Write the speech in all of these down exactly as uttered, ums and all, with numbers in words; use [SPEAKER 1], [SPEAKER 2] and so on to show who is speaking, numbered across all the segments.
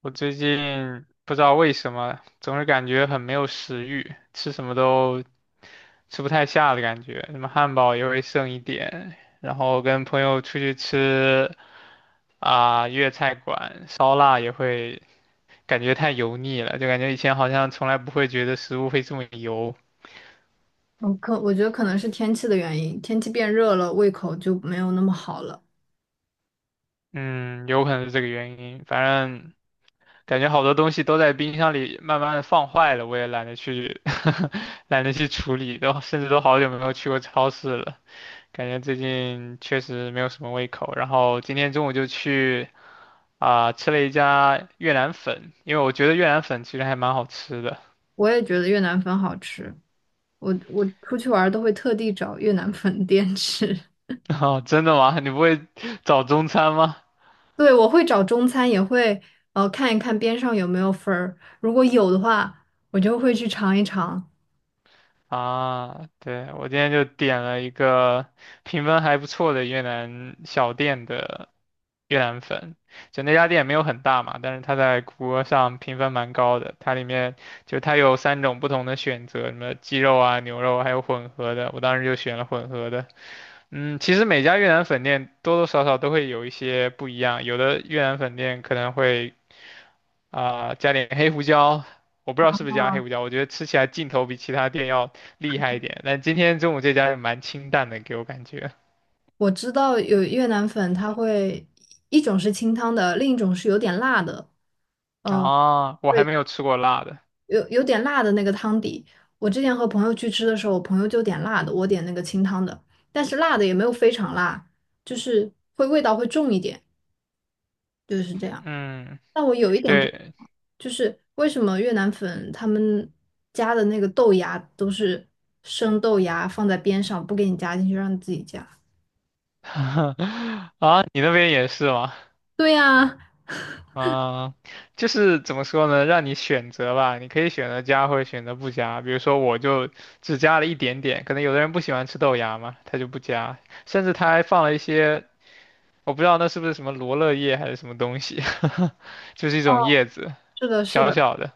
[SPEAKER 1] 我最近不知道为什么，总是感觉很没有食欲，吃什么都吃不太下的感觉，什么汉堡也会剩一点，然后跟朋友出去吃啊、粤菜馆烧腊也会感觉太油腻了，就感觉以前好像从来不会觉得食物会这么油。
[SPEAKER 2] 我可我觉得可能是天气的原因，天气变热了，胃口就没有那么好了。
[SPEAKER 1] 嗯，有可能是这个原因，反正感觉好多东西都在冰箱里慢慢的放坏了，我也懒得去 懒得去处理，都甚至都好久没有去过超市了。感觉最近确实没有什么胃口，然后今天中午就去啊、吃了一家越南粉，因为我觉得越南粉其实还蛮好吃的。
[SPEAKER 2] 我也觉得越南粉好吃，我我出去玩儿都会特地找越南粉店吃。
[SPEAKER 1] 哦，真的吗？你不会找中餐吗？
[SPEAKER 2] 对，我会找中餐，也会呃看一看边上有没有粉儿，如果有的话，我就会去尝一尝。
[SPEAKER 1] 啊，对，我今天就点了一个评分还不错的越南小店的越南粉，就那家店没有很大嘛，但是它在谷歌上评分蛮高的。它里面就它有三种不同的选择，什么鸡肉啊、牛肉，还有混合的。我当时就选了混合的。嗯，其实每家越南粉店多多少少都会有一些不一样，有的越南粉店可能会啊、加点黑胡椒，我不知道是不是加黑胡椒，我觉得吃起来劲头比其他店要厉害一点。但今天中午这家也蛮清淡的，给我感觉。
[SPEAKER 2] 我知道有越南粉，它会一种是清汤的，另一种是有点辣的。呃，
[SPEAKER 1] 啊，我还
[SPEAKER 2] 对，
[SPEAKER 1] 没有吃过辣的。
[SPEAKER 2] 有有点辣的那个汤底。我之前和朋友去吃的时候，我朋友就点辣的，我点那个清汤的，但是辣的也没有非常辣，就是会味道会重一点，就是这样。
[SPEAKER 1] 嗯，
[SPEAKER 2] 但我有一点不，
[SPEAKER 1] 对。
[SPEAKER 2] 就是为什么越南粉他们加的那个豆芽都是生豆芽放在边上，不给你加进去，让你自己加？
[SPEAKER 1] 啊，你那边也是吗？
[SPEAKER 2] 对呀，
[SPEAKER 1] 啊，就是怎么说呢，让你选择吧，你可以选择加或者选择不加。比如说，我就只加了一点点，可能有的人不喜欢吃豆芽嘛，他就不加，甚至他还放了一些，我不知道那是不是什么罗勒叶还是什么东西，就是一种叶子，
[SPEAKER 2] 是的，是
[SPEAKER 1] 小
[SPEAKER 2] 的。
[SPEAKER 1] 小的。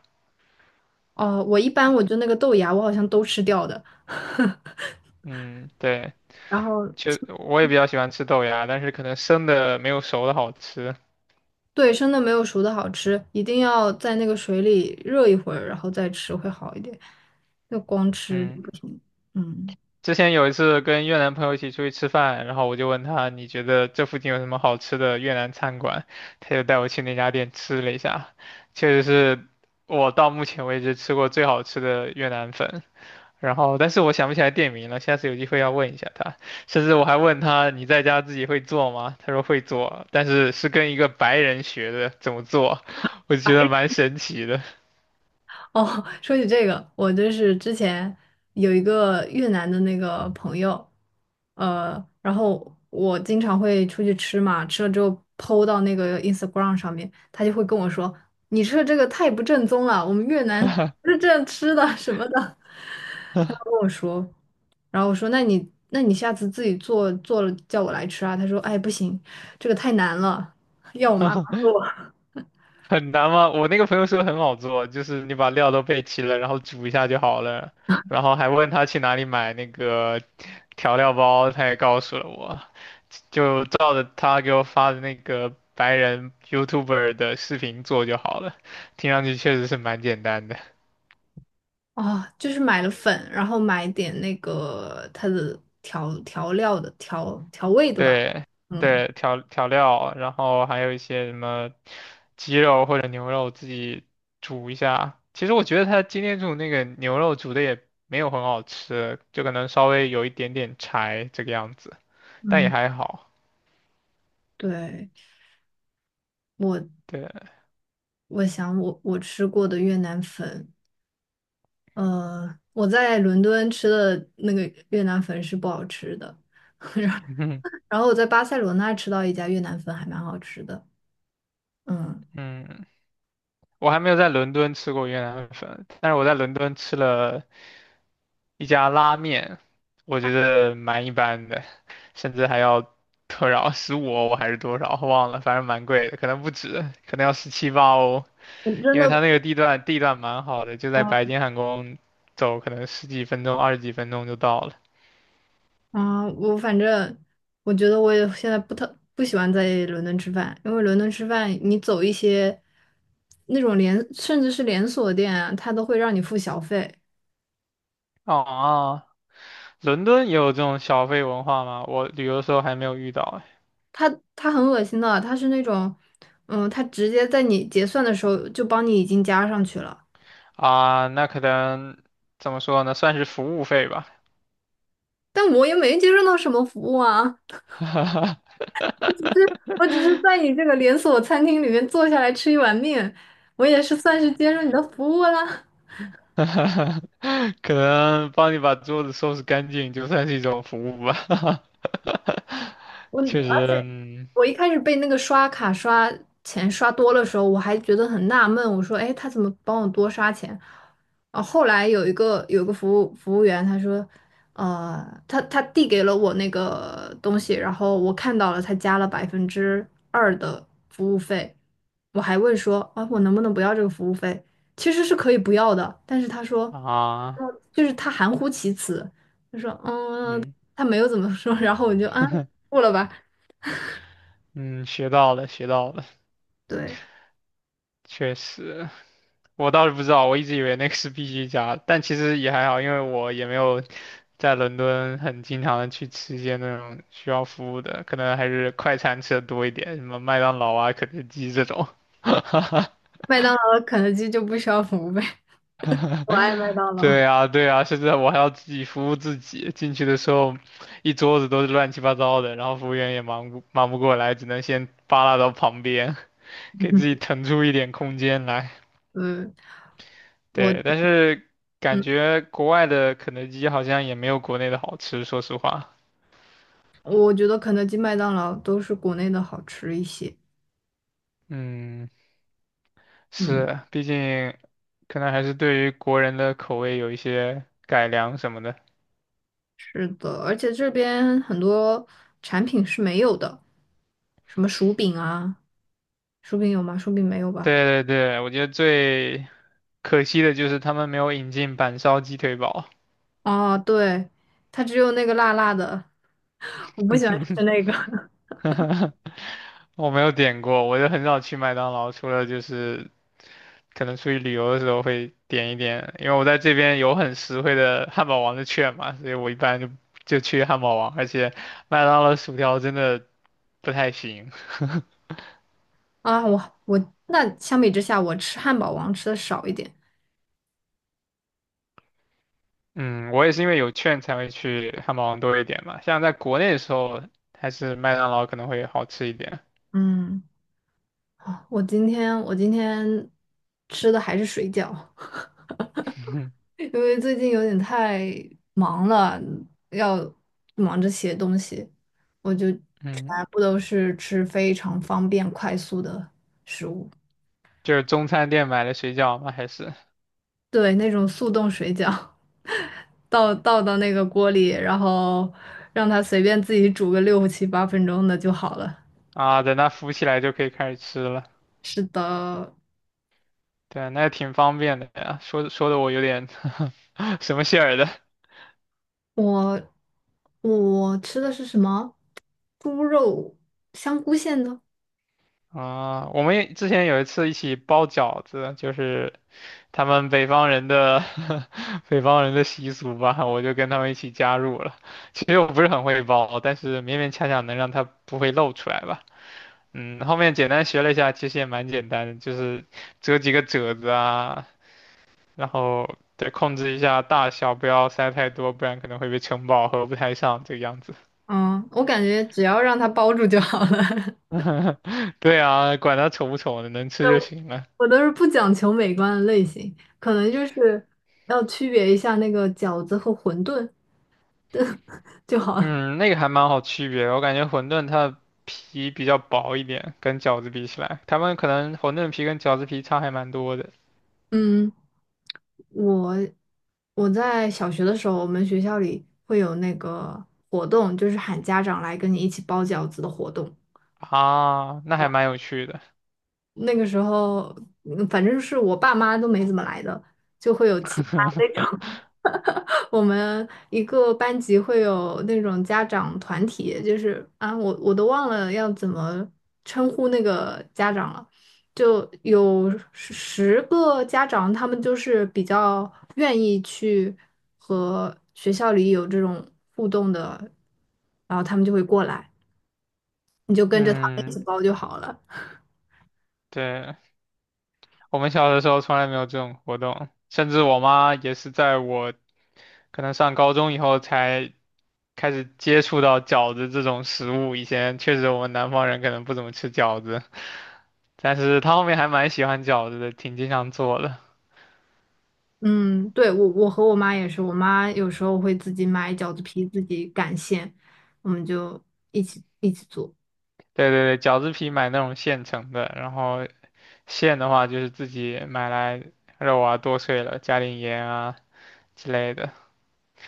[SPEAKER 2] 哦，我一般我就那个豆芽，我好像都吃掉的。
[SPEAKER 1] 嗯，对，
[SPEAKER 2] 然后。
[SPEAKER 1] 就我也比较喜欢吃豆芽，但是可能生的没有熟的好吃。
[SPEAKER 2] 对，生的没有熟的好吃，一定要在那个水里热一会儿，然后再吃会好一点。就光吃
[SPEAKER 1] 嗯。
[SPEAKER 2] 不行。嗯。
[SPEAKER 1] 之前有一次跟越南朋友一起出去吃饭，然后我就问他，你觉得这附近有什么好吃的越南餐馆？他就带我去那家店吃了一下，确实是我到目前为止吃过最好吃的越南粉。然后，但是我想不起来店名了，下次有机会要问一下他。甚至我还问他，你在家自己会做吗？他说会做，但是是跟一个白人学的怎么做，我觉得蛮神奇的。
[SPEAKER 2] 哦，说起这个，我就是之前有一个越南的那个朋友，呃，然后我经常会出去吃嘛，吃了之后 P O 到那个 Instagram 上面，他就会跟我说：“你吃的这个太不正宗了，我们越南不是这样吃的什么的。他跟我说，然后我说：“那你那你下次自己做做了叫我来吃啊？”他说：“哎，不行，这个太难了，要我妈
[SPEAKER 1] 很难吗？我那个朋友说很好做，就是你把料都备齐了，然后煮一下就好了。然后还问他去哪里买那个调料包，他也告诉了我，就照着他给我发的那个白人 Y O U T U B E R 的视频做就好了。听上去确实是蛮简单的。
[SPEAKER 2] 啊，就是买了粉，然后买点那个它的调调料的调调味的吧。
[SPEAKER 1] 对
[SPEAKER 2] 嗯
[SPEAKER 1] 对，调调料，然后还有一些什么鸡肉或者牛肉自己煮一下。其实我觉得他今天煮那个牛肉煮的也没有很好吃，就可能稍微有一点点柴这个样子，但也
[SPEAKER 2] 嗯，
[SPEAKER 1] 还好。
[SPEAKER 2] 对，我
[SPEAKER 1] 对。
[SPEAKER 2] 我想我我吃过的越南粉，呃，我在伦敦吃的那个越南粉是不好吃的，
[SPEAKER 1] 嗯
[SPEAKER 2] 然后我在巴塞罗那吃到一家越南粉还蛮好吃的。嗯，
[SPEAKER 1] 嗯，我还没有在伦敦吃过越南粉，但是我在伦敦吃了一家拉面，我觉得蛮一般的，甚至还要多少十五欧十五欧还是多少，忘了，反正蛮贵的，可能不止，可能要十七八欧，
[SPEAKER 2] 我真
[SPEAKER 1] 因为它
[SPEAKER 2] 的。
[SPEAKER 1] 那个地段地段蛮好的，就在白金汉宫走，可能十几分钟、二十几分钟就到了。
[SPEAKER 2] 啊，我反正我觉得我也现在不特不喜欢在伦敦吃饭，因为伦敦吃饭，你走一些那种连甚至是连锁店啊，它都会让你付小费，
[SPEAKER 1] 哦，伦敦也有这种小费文化吗？我旅游的时候还没有遇到哎。
[SPEAKER 2] 他很恶心的，他是那种，嗯，他直接在你结算的时候就帮你已经加上去了，
[SPEAKER 1] 啊，那可能怎么说呢，算是服务费吧。
[SPEAKER 2] 但我也没接受到什么服务啊，我只是在 你这个连锁餐厅里面坐下来吃一碗面，我也是算是接受你的服务啦。
[SPEAKER 1] 可能帮你把桌子收拾干净，就算是一种服务吧。
[SPEAKER 2] 我。
[SPEAKER 1] 确
[SPEAKER 2] 而
[SPEAKER 1] 实，
[SPEAKER 2] 且。
[SPEAKER 1] 嗯。
[SPEAKER 2] 我一开始被那个刷卡刷钱刷多的时候，我还觉得很纳闷，我说：“哎，他怎么帮我多刷钱？”啊，后来有一个有个服务服务员，他说：“呃，他他递给了我那个东西，然后我看到了，他加了百分之二的服务费。”我还问说：“啊，我能不能不要这个服务费？”其实是可以不要的，但是他说，
[SPEAKER 1] 啊，
[SPEAKER 2] 嗯就是他含糊其辞，他说：“嗯，
[SPEAKER 1] 嗯
[SPEAKER 2] 他没有怎么说。”然后我就啊，付了吧，
[SPEAKER 1] 嗯，学到了，学到了。
[SPEAKER 2] 对。
[SPEAKER 1] 确实，我倒是不知道，我一直以为那个是必须加，但其实也还好，因为我也没有在伦敦很经常的去吃一些那种需要服务的，可能还是快餐吃的多一点，什么麦当劳啊、肯德基这种。
[SPEAKER 2] 麦当劳、肯德基就不需要服务费。我爱麦当劳。
[SPEAKER 1] 对啊，对啊，甚至我还要自己服务自己。进去的时候，一桌子都是乱七八糟的，然后服务员也忙不忙不过来，只能先扒拉到旁边，给自己 腾出一点空间来。
[SPEAKER 2] 嗯，我
[SPEAKER 1] 对，但是感
[SPEAKER 2] 嗯，
[SPEAKER 1] 觉国外的肯德基好像也没有国内的好吃，说实话。
[SPEAKER 2] 我觉得肯德基、麦当劳都是国内的好吃一些。
[SPEAKER 1] 嗯，
[SPEAKER 2] 嗯，
[SPEAKER 1] 是，毕竟可能还是对于国人的口味有一些改良什么的。
[SPEAKER 2] 是的，而且这边很多产品是没有的，什么薯饼啊，薯饼有吗？薯饼没有吧？
[SPEAKER 1] 对对对，我觉得最可惜的就是他们没有引进板烧鸡腿堡。
[SPEAKER 2] 哦，对，它只有那个辣辣的，我不喜欢吃 那个
[SPEAKER 1] 我没有点过，我就很少去麦当劳，除了就是可能出去旅游的时候会点一点，因为我在这边有很实惠的汉堡王的券嘛，所以我一般就就去汉堡王，而且麦当劳的薯条真的不太行。
[SPEAKER 2] 啊。我我那相比之下，我吃汉堡王吃的少一点。
[SPEAKER 1] 嗯，我也是因为有券才会去汉堡王多一点嘛，像在国内的时候，还是麦当劳可能会好吃一点。
[SPEAKER 2] 嗯，啊我今天我今天吃的还是水饺。因为最近有点太忙了，要忙着写东西，我就全
[SPEAKER 1] 嗯，
[SPEAKER 2] 部都是吃非常方便快速的食物，
[SPEAKER 1] 就是中餐店买的水饺嘛，还是
[SPEAKER 2] 对，那种速冻水饺，倒倒到那个锅里，然后让它随便自己煮个六七八分钟的就好了。
[SPEAKER 1] 啊，等它浮起来就可以开始吃了。
[SPEAKER 2] 是的，
[SPEAKER 1] 对啊，那也挺方便的呀，说说的我有点 什么馅儿的
[SPEAKER 2] 我我吃的是什么？猪肉香菇馅的，
[SPEAKER 1] 啊。我们也之前有一次一起包饺子，就是他们北方人的 北方人的习俗吧，我就跟他们一起加入了。其实我不是很会包，但是勉勉强强能让它不会露出来吧。嗯，后面简单学了一下，其实也蛮简单的，就是折几个褶子啊，然后对控制一下大小，不要塞太多，不然可能会被撑爆，合不太上这个样子。
[SPEAKER 2] 嗯，我感觉只要让它包住就好了。
[SPEAKER 1] 对啊，管它丑不丑的，能吃就行了。
[SPEAKER 2] 我都是不讲求美观的类型，可能就是要区别一下那个饺子和馄饨就好了。
[SPEAKER 1] 嗯，那个还蛮好区别的我感觉馄饨它的皮比较薄一点，跟饺子比起来，他们可能馄饨皮跟饺子皮差还蛮多的。
[SPEAKER 2] 嗯，我我在小学的时候，我们学校里会有那个活动，就是喊家长来跟你一起包饺子的活动。
[SPEAKER 1] 啊，那还蛮有趣的。
[SPEAKER 2] 那个时候，嗯反正是我爸妈都没怎么来的，就会有其他那 种。我们一个班级会有那种家长团体，就是啊，我我都忘了要怎么称呼那个家长了，就有十十个家长，他们就是比较愿意去和学校里有这种互动的，然后他们就会过来，你就跟着他们一
[SPEAKER 1] 嗯，
[SPEAKER 2] 起包就好了。
[SPEAKER 1] 对，我们小的时候从来没有这种活动，甚至我妈也是在我可能上高中以后才开始接触到饺子这种食物，以前确实我们南方人可能不怎么吃饺子。但是他后面还蛮喜欢饺子的，挺经常做的。
[SPEAKER 2] 嗯，对，我我和我妈也是，我妈有时候会自己买饺子皮，自己擀馅，我们就一起一起做。
[SPEAKER 1] 对对对，饺子皮买那种现成的，然后馅的话就是自己买来肉啊剁碎了，加点盐啊之类的。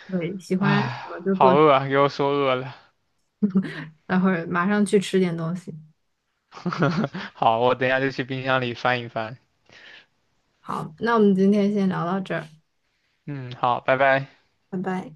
[SPEAKER 2] 对，喜欢什么
[SPEAKER 1] 唉，
[SPEAKER 2] 就做
[SPEAKER 1] 好
[SPEAKER 2] 什么，
[SPEAKER 1] 饿啊，给我说饿了。
[SPEAKER 2] 待会儿马上去吃点东西。
[SPEAKER 1] 好，我等一下就去冰箱里翻一翻。
[SPEAKER 2] 好，那我们今天先聊到这儿，
[SPEAKER 1] 嗯，好，拜拜。
[SPEAKER 2] 拜拜。